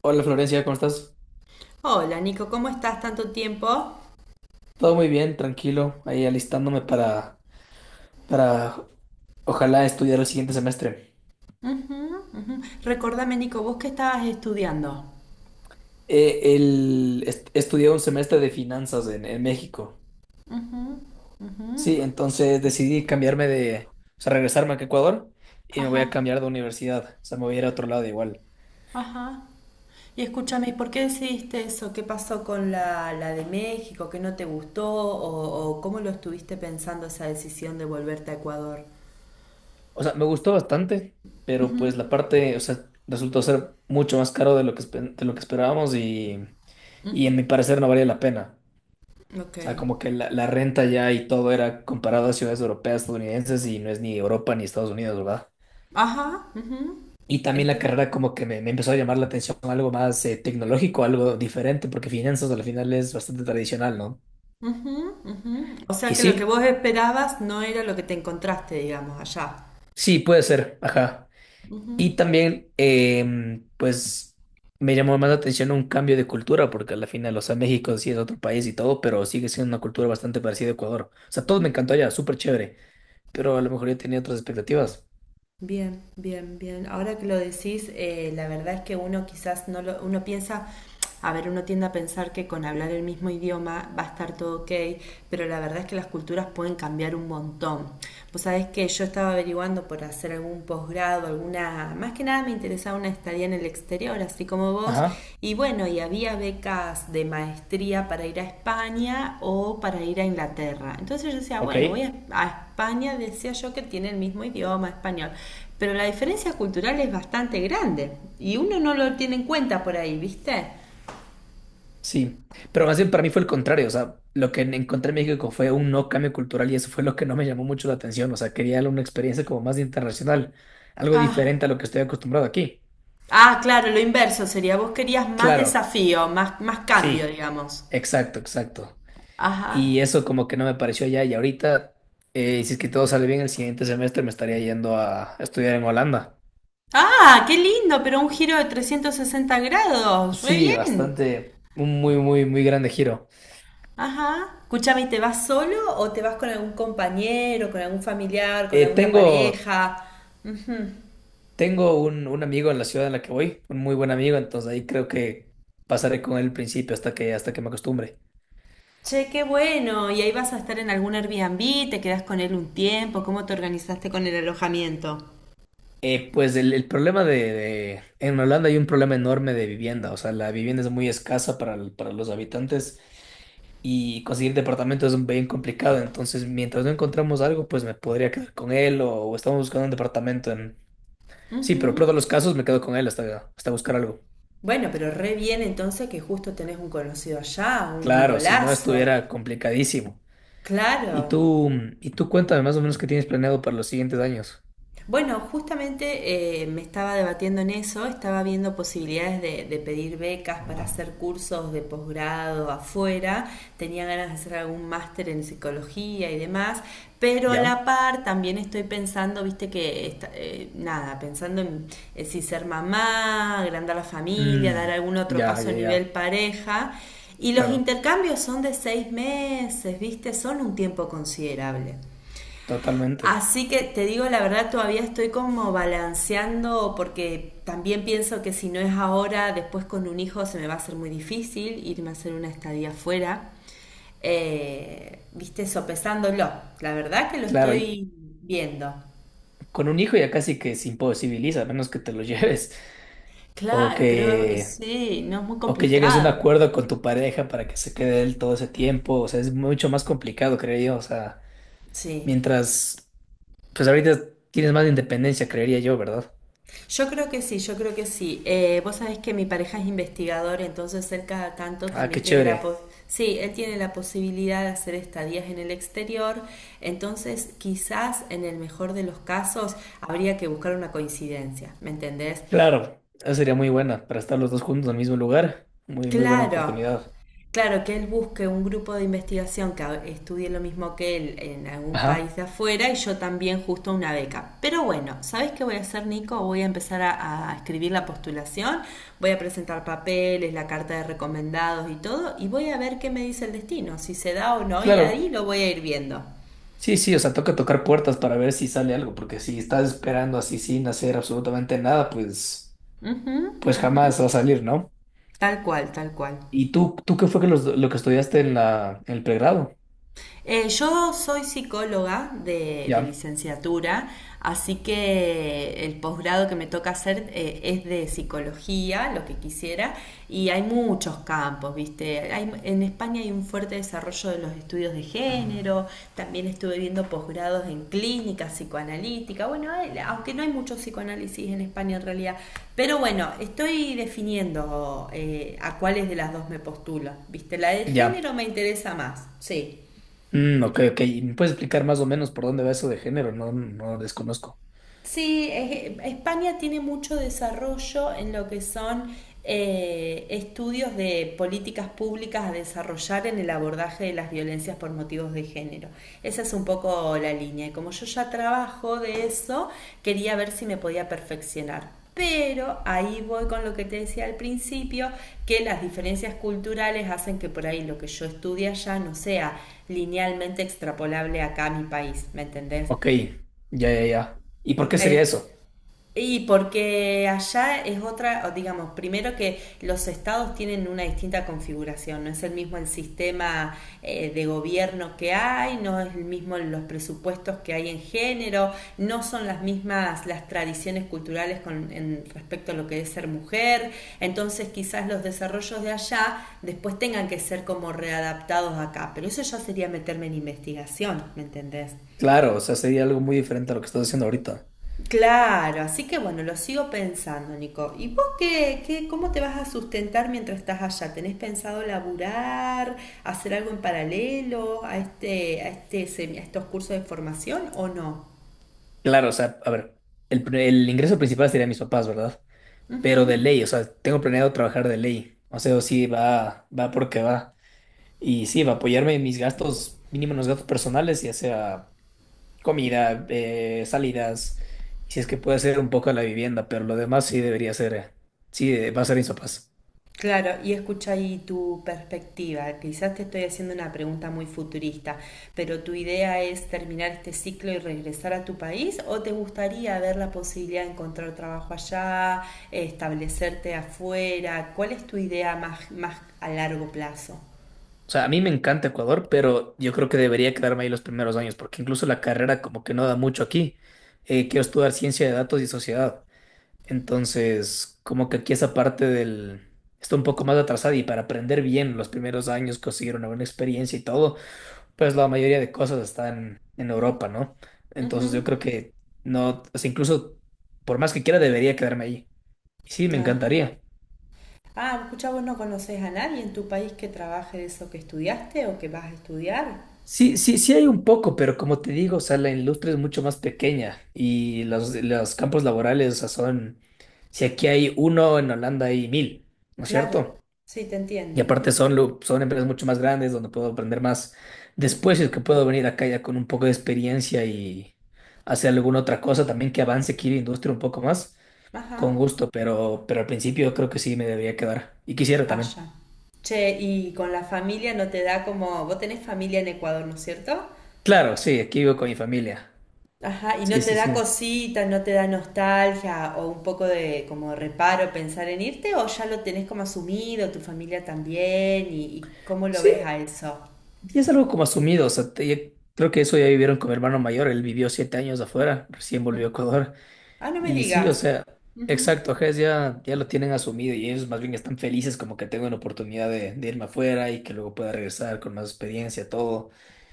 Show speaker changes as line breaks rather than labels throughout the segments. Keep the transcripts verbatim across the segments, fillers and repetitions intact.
Hola Florencia, ¿cómo estás?
Hola Nico, ¿cómo estás? ¿Tanto tiempo?
Todo muy bien, tranquilo, ahí alistándome para, para ojalá estudiar el siguiente semestre.
Ujú, ujú. Recordame Nico, ¿vos qué estabas estudiando?
Eh, el, est- estudié un semestre de finanzas en, en México. Sí, entonces decidí cambiarme de, o sea, regresarme a Ecuador y me voy a
Ajá,
cambiar de universidad, o sea, me voy a ir a otro lado igual.
ajá. Y escúchame, ¿y por qué decidiste eso? ¿Qué pasó con la, la de México? ¿Qué no te gustó? ¿O, o cómo lo estuviste pensando esa decisión de volverte a Ecuador?
O sea, me gustó bastante, pero pues la parte, o sea, resultó ser mucho más caro de lo que, espe- de lo que esperábamos y, y en mi parecer no valía la pena.
Ok.
O sea, como que la, la renta ya y todo era comparado a ciudades europeas, estadounidenses y no es ni Europa ni Estados Unidos, ¿verdad?
Ajá. Ujú.
Y también la
Este,
carrera como que me, me empezó a llamar la atención algo más eh, tecnológico, algo diferente, porque finanzas al final es bastante tradicional, ¿no?
o
Y
sea que lo que
sí,
vos esperabas no era lo que te encontraste, digamos, allá.
sí, puede ser, ajá. Y también, em, pues, me llamó más la atención un cambio de cultura, porque al final, o sea, México sí es otro país y todo, pero sigue siendo una cultura bastante parecida a Ecuador. O sea, todo me encantó allá, súper chévere, pero a lo mejor yo tenía otras expectativas.
Bien, bien, bien. Ahora que lo decís, eh, la verdad es que uno quizás no lo, uno piensa, a ver, uno tiende a pensar que con hablar el mismo idioma va a estar todo ok, pero la verdad es que las culturas pueden cambiar un montón. Vos sabés que yo estaba averiguando por hacer algún posgrado, alguna, más que nada me interesaba una estaría en el exterior, así como vos.
Ajá,
Y bueno, y había becas de maestría para ir a España o para ir a Inglaterra. Entonces yo decía,
ok.
bueno, voy a, a España, decía yo que tiene el mismo idioma español, pero la diferencia cultural es bastante grande y uno no lo tiene en cuenta por ahí, ¿viste?
Sí, pero más bien para mí fue el contrario, o sea, lo que encontré en México fue un no cambio cultural y eso fue lo que no me llamó mucho la atención, o sea, quería una experiencia como más internacional, algo
Ah.
diferente a lo que estoy acostumbrado aquí.
Ah, claro, lo inverso sería, vos querías más
Claro,
desafío, más, más cambio,
sí,
digamos.
exacto, exacto.
Ajá.
Y eso como que no me pareció allá y ahorita, eh, si es que todo sale bien el siguiente semestre me estaría yendo a estudiar en Holanda.
Ah, qué lindo, pero un giro de trescientos sesenta grados, re
Sí,
bien.
bastante, un muy, muy, muy grande giro.
Ajá. Escúchame, ¿y te vas solo o te vas con algún compañero, con algún familiar, con
Eh,
alguna
tengo...
pareja?
Tengo un, un amigo en la ciudad en la que voy, un muy buen amigo, entonces ahí creo que pasaré con él al principio hasta que, hasta que me acostumbre.
Che, qué bueno. ¿Y ahí vas a estar en algún Airbnb? ¿Te quedas con él un tiempo? ¿Cómo te organizaste con el alojamiento?
Eh, pues el, el problema de, de- en Holanda hay un problema enorme de vivienda, o sea, la vivienda es muy escasa para, el- para los habitantes y conseguir departamento es bien complicado, entonces mientras no encontramos algo, pues me podría quedar con él o, o estamos buscando un departamento en... Sí, pero en todos los casos me quedo con él hasta, hasta buscar algo.
Bueno, pero re bien entonces que justo tenés un conocido allá, un
Claro, si no
golazo.
estuviera complicadísimo. Y
Claro.
tú, mm, y tú cuéntame más o menos qué tienes planeado para los siguientes años.
Bueno, justamente eh, me estaba debatiendo en eso, estaba viendo posibilidades de, de pedir becas para hacer cursos de posgrado afuera, tenía ganas de hacer algún máster en psicología y demás, pero a
¿Ya?
la par también estoy pensando, viste que, esta- eh, nada, pensando en eh, si ser mamá, agrandar la familia, dar
Mm,
algún otro
ya,
paso a
ya,
nivel
ya.
pareja, y los
Claro,
intercambios son de seis meses, viste, son un tiempo considerable.
totalmente.
Así que te digo la verdad, todavía estoy como balanceando porque también pienso que si no es ahora, después con un hijo se me va a hacer muy difícil irme a hacer una estadía afuera. Eh, viste, sopesándolo. La verdad que lo
Claro, y
estoy viendo.
con un hijo ya casi que se imposibiliza, a menos que te lo lleves. O
Claro, pero
que,
sí, no es muy
o que llegues a un
complicado.
acuerdo con tu pareja para que se quede él todo ese tiempo. O sea, es mucho más complicado, creería yo. O sea,
Sí.
mientras, pues ahorita tienes más independencia, creería yo, ¿verdad?
Yo creo que sí, yo creo que sí. Eh, vos sabés que mi pareja es investigador, entonces él cada tanto
Ah, qué
también tiene la
chévere.
pos- sí, él tiene la posibilidad de hacer estadías en el exterior, entonces quizás en el mejor de los casos habría que buscar una coincidencia, ¿me entendés?
Claro, esa sería muy buena para estar los dos juntos en el mismo lugar. Muy, muy buena
Claro,
oportunidad.
Claro, que él busque un grupo de investigación que estudie lo mismo que él en algún país
Ajá.
de afuera y yo también justo una beca. Pero bueno, ¿sabes qué voy a hacer, Nico? Voy a empezar a, a escribir la postulación, voy a presentar papeles, la carta de recomendados y todo, y voy a ver qué me dice el destino, si se da o no, y ahí
Claro,
lo voy a ir viendo.
sí, sí, o sea, toca tocar puertas para ver si sale algo, porque si estás esperando así sin hacer absolutamente nada, pues,
Ujú.
pues jamás va a salir, ¿no?
Tal cual, tal cual.
¿Y tú, tú qué fue que los- lo que estudiaste en la, en el pregrado?
Eh, yo soy psicóloga de, de
Ya,
licenciatura, así que el posgrado que me toca hacer eh, es de psicología, lo que quisiera, y hay muchos campos, ¿viste? Hay- en España hay un fuerte desarrollo de los estudios de género, también estuve viendo posgrados en clínica psicoanalítica, bueno, hay- aunque no hay mucho psicoanálisis en España en realidad, pero bueno, estoy definiendo eh, a cuáles de las dos me postulo, ¿viste? La del
ya.
género me interesa más, sí.
Mm, ok, ok. ¿Y ¿Me puedes explicar más o menos por dónde va eso de género? No, no desconozco.
Sí, es- España tiene mucho desarrollo en lo que son eh, estudios de políticas públicas a desarrollar en el abordaje de las violencias por motivos de género. Esa es un poco la línea. Y como yo ya trabajo de eso, quería ver si me podía perfeccionar. Pero ahí voy con lo que te decía al principio, que las diferencias culturales hacen que por ahí lo que yo estudie allá no sea linealmente extrapolable acá a mi país, ¿me entendés?
Ok, ya, ya, ya. ¿Y por qué sería
Eh,
eso?
y porque allá es otra, digamos, primero que los estados tienen una distinta configuración, no es el mismo el sistema eh, de gobierno que hay, no es el mismo los presupuestos que hay en género, no son las mismas las tradiciones culturales con, en, respecto a lo que es ser mujer, entonces quizás los desarrollos de allá después tengan que ser como readaptados acá, pero eso ya sería meterme en investigación, ¿me entendés?
Claro, o sea, sería algo muy diferente a lo que estás haciendo ahorita.
Claro, así que bueno, lo sigo pensando, Nico. ¿Y vos qué, qué, cómo te vas a sustentar mientras estás allá? ¿Tenés pensado laburar, hacer algo en paralelo a este, a este, semi- a estos cursos de formación o no?
Claro, o sea, a ver, el, pre- el ingreso principal sería mis papás, ¿verdad? Pero de ley, o sea, tengo planeado trabajar de ley. O sea, sí, va, va porque va. Y sí, va a apoyarme en mis gastos, mínimo en los gastos personales, ya sea comida, eh, salidas, y si es que puede ser un poco la vivienda, pero lo demás sí debería ser, eh, sí, eh, va a ser mis papás.
Claro, y escucha ahí tu perspectiva. Quizás te estoy haciendo una pregunta muy futurista, pero ¿tu idea es terminar este ciclo y regresar a tu país o te gustaría ver la posibilidad de encontrar trabajo allá, establecerte afuera? ¿Cuál es tu idea más, más a largo plazo?
O sea, a mí me encanta Ecuador, pero yo creo que debería quedarme ahí los primeros años, porque incluso la carrera como que no da mucho aquí. Eh, quiero estudiar ciencia de datos y sociedad. Entonces, como que aquí esa parte del... Está un poco más atrasada y para aprender bien los primeros años, conseguir una buena experiencia y todo, pues la mayoría de cosas están en Europa, ¿no?
Ujú.
Entonces yo creo que no, o sea, incluso por más que quiera debería quedarme ahí. Y sí, me
Ajá.
encantaría.
Ah, escucha, vos no conoces a nadie en tu país que trabaje de eso que estudiaste o que vas a estudiar.
Sí, sí, sí hay un poco, pero como te digo, o sea, la industria es mucho más pequeña y los, los campos laborales, o sea, son, si aquí hay uno, en Holanda hay mil, ¿no es
Claro,
cierto?
sí, te
Y
entiendo.
aparte son,
Ujú,
lu- son empresas mucho más grandes donde puedo aprender más después, y es que
ujú.
puedo venir acá ya con un poco de experiencia y hacer alguna otra cosa también que avance aquí la industria un poco más, con
Ajá.
gusto, pero, pero, al principio creo que sí me debería quedar. Y quisiera también.
Allá. Che, y con la familia no te da como, vos tenés familia en Ecuador, ¿no es cierto?
Claro, sí, aquí vivo con mi familia.
Ajá, y no
Sí,
te
sí,
da
sí.
cosita, no te da nostalgia o un poco de como reparo pensar en irte o ya lo tenés como asumido, tu familia también y, y cómo lo
Sí,
ves a eso.
y es algo como asumido, o sea, te- ya- creo que eso ya vivieron con mi hermano mayor, él vivió siete años afuera, recién volvió a
¿Mm?
Ecuador.
Ah, no me
Y sí, o
digas.
sea, exacto, ajá, es ya, ya lo tienen asumido y ellos más bien están felices como que tengo una oportunidad de, de irme afuera y que luego pueda regresar con más experiencia, todo.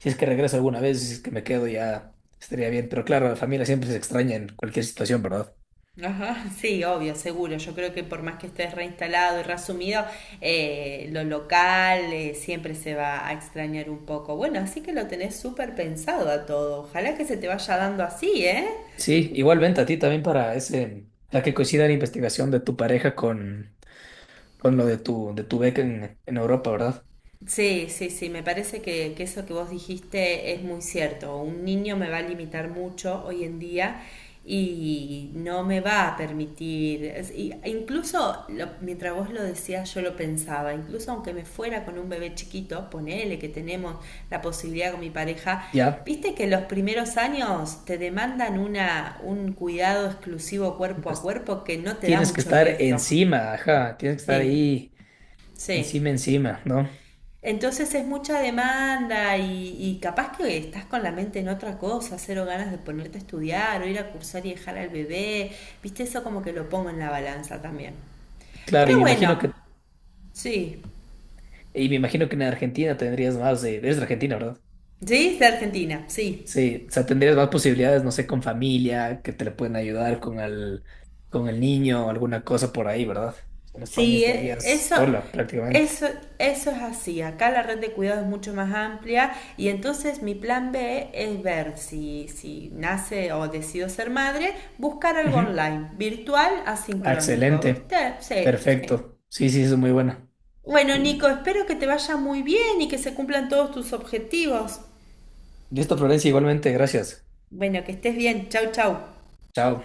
Si es que regreso alguna vez, si es que me quedo ya estaría bien, pero claro, la familia siempre se extraña en cualquier situación, ¿verdad?
Ajá, sí, obvio, seguro. Yo creo que por más que estés reinstalado y reasumido, eh, lo local eh, siempre se va a extrañar un poco. Bueno, así que lo tenés súper pensado a todo. Ojalá que se te vaya dando así, ¿eh?
Sí, igualmente a ti también para ese, la que coincida la investigación de tu pareja con, con lo de tu, de tu beca en, en Europa, ¿verdad?
Sí, sí, sí, me parece que, que eso que vos dijiste es muy cierto. Un niño me va a limitar mucho hoy en día y no me va a permitir, es- y- incluso lo- mientras vos lo decías yo lo pensaba, incluso aunque me fuera con un bebé chiquito, ponele que tenemos la posibilidad con mi pareja,
Ya,
viste que los primeros años te demandan una, un cuidado exclusivo cuerpo a
pues
cuerpo que no te da
tienes que
mucho
estar
resto.
encima, ajá, tienes que estar
Sí,
ahí
sí.
encima, encima, ¿no?
Entonces es mucha demanda y, y capaz que estás con la mente en otra cosa, cero ganas de ponerte a estudiar o ir a cursar y dejar al bebé. Viste, eso como que lo pongo en la balanza también.
Claro, y
Pero
me imagino
bueno,
que,
sí,
y me imagino que en Argentina tendrías más de, eres de Argentina, ¿verdad?
sí, de Argentina, sí.
Sí, o sea, tendrías más posibilidades, no sé, con familia, que te le pueden ayudar con el, con el, niño, alguna cosa por ahí, ¿verdad? En España
Sí, e-
estarías
eso,
sola prácticamente.
eso, eso es así. Acá la red de cuidado es mucho más amplia y entonces mi plan B es ver si, si, nace o decido ser madre, buscar algo
Ujú.
online, virtual,
Ah,
asincrónico,
excelente.
¿viste? Sí, sí.
Perfecto. Sí, sí, eso es muy bueno.
Bueno, Nico, espero que te vaya muy bien y que se cumplan todos tus objetivos.
Listo, Florencia, igualmente, gracias.
Bueno, que estés bien. Chau, chau.
Chao.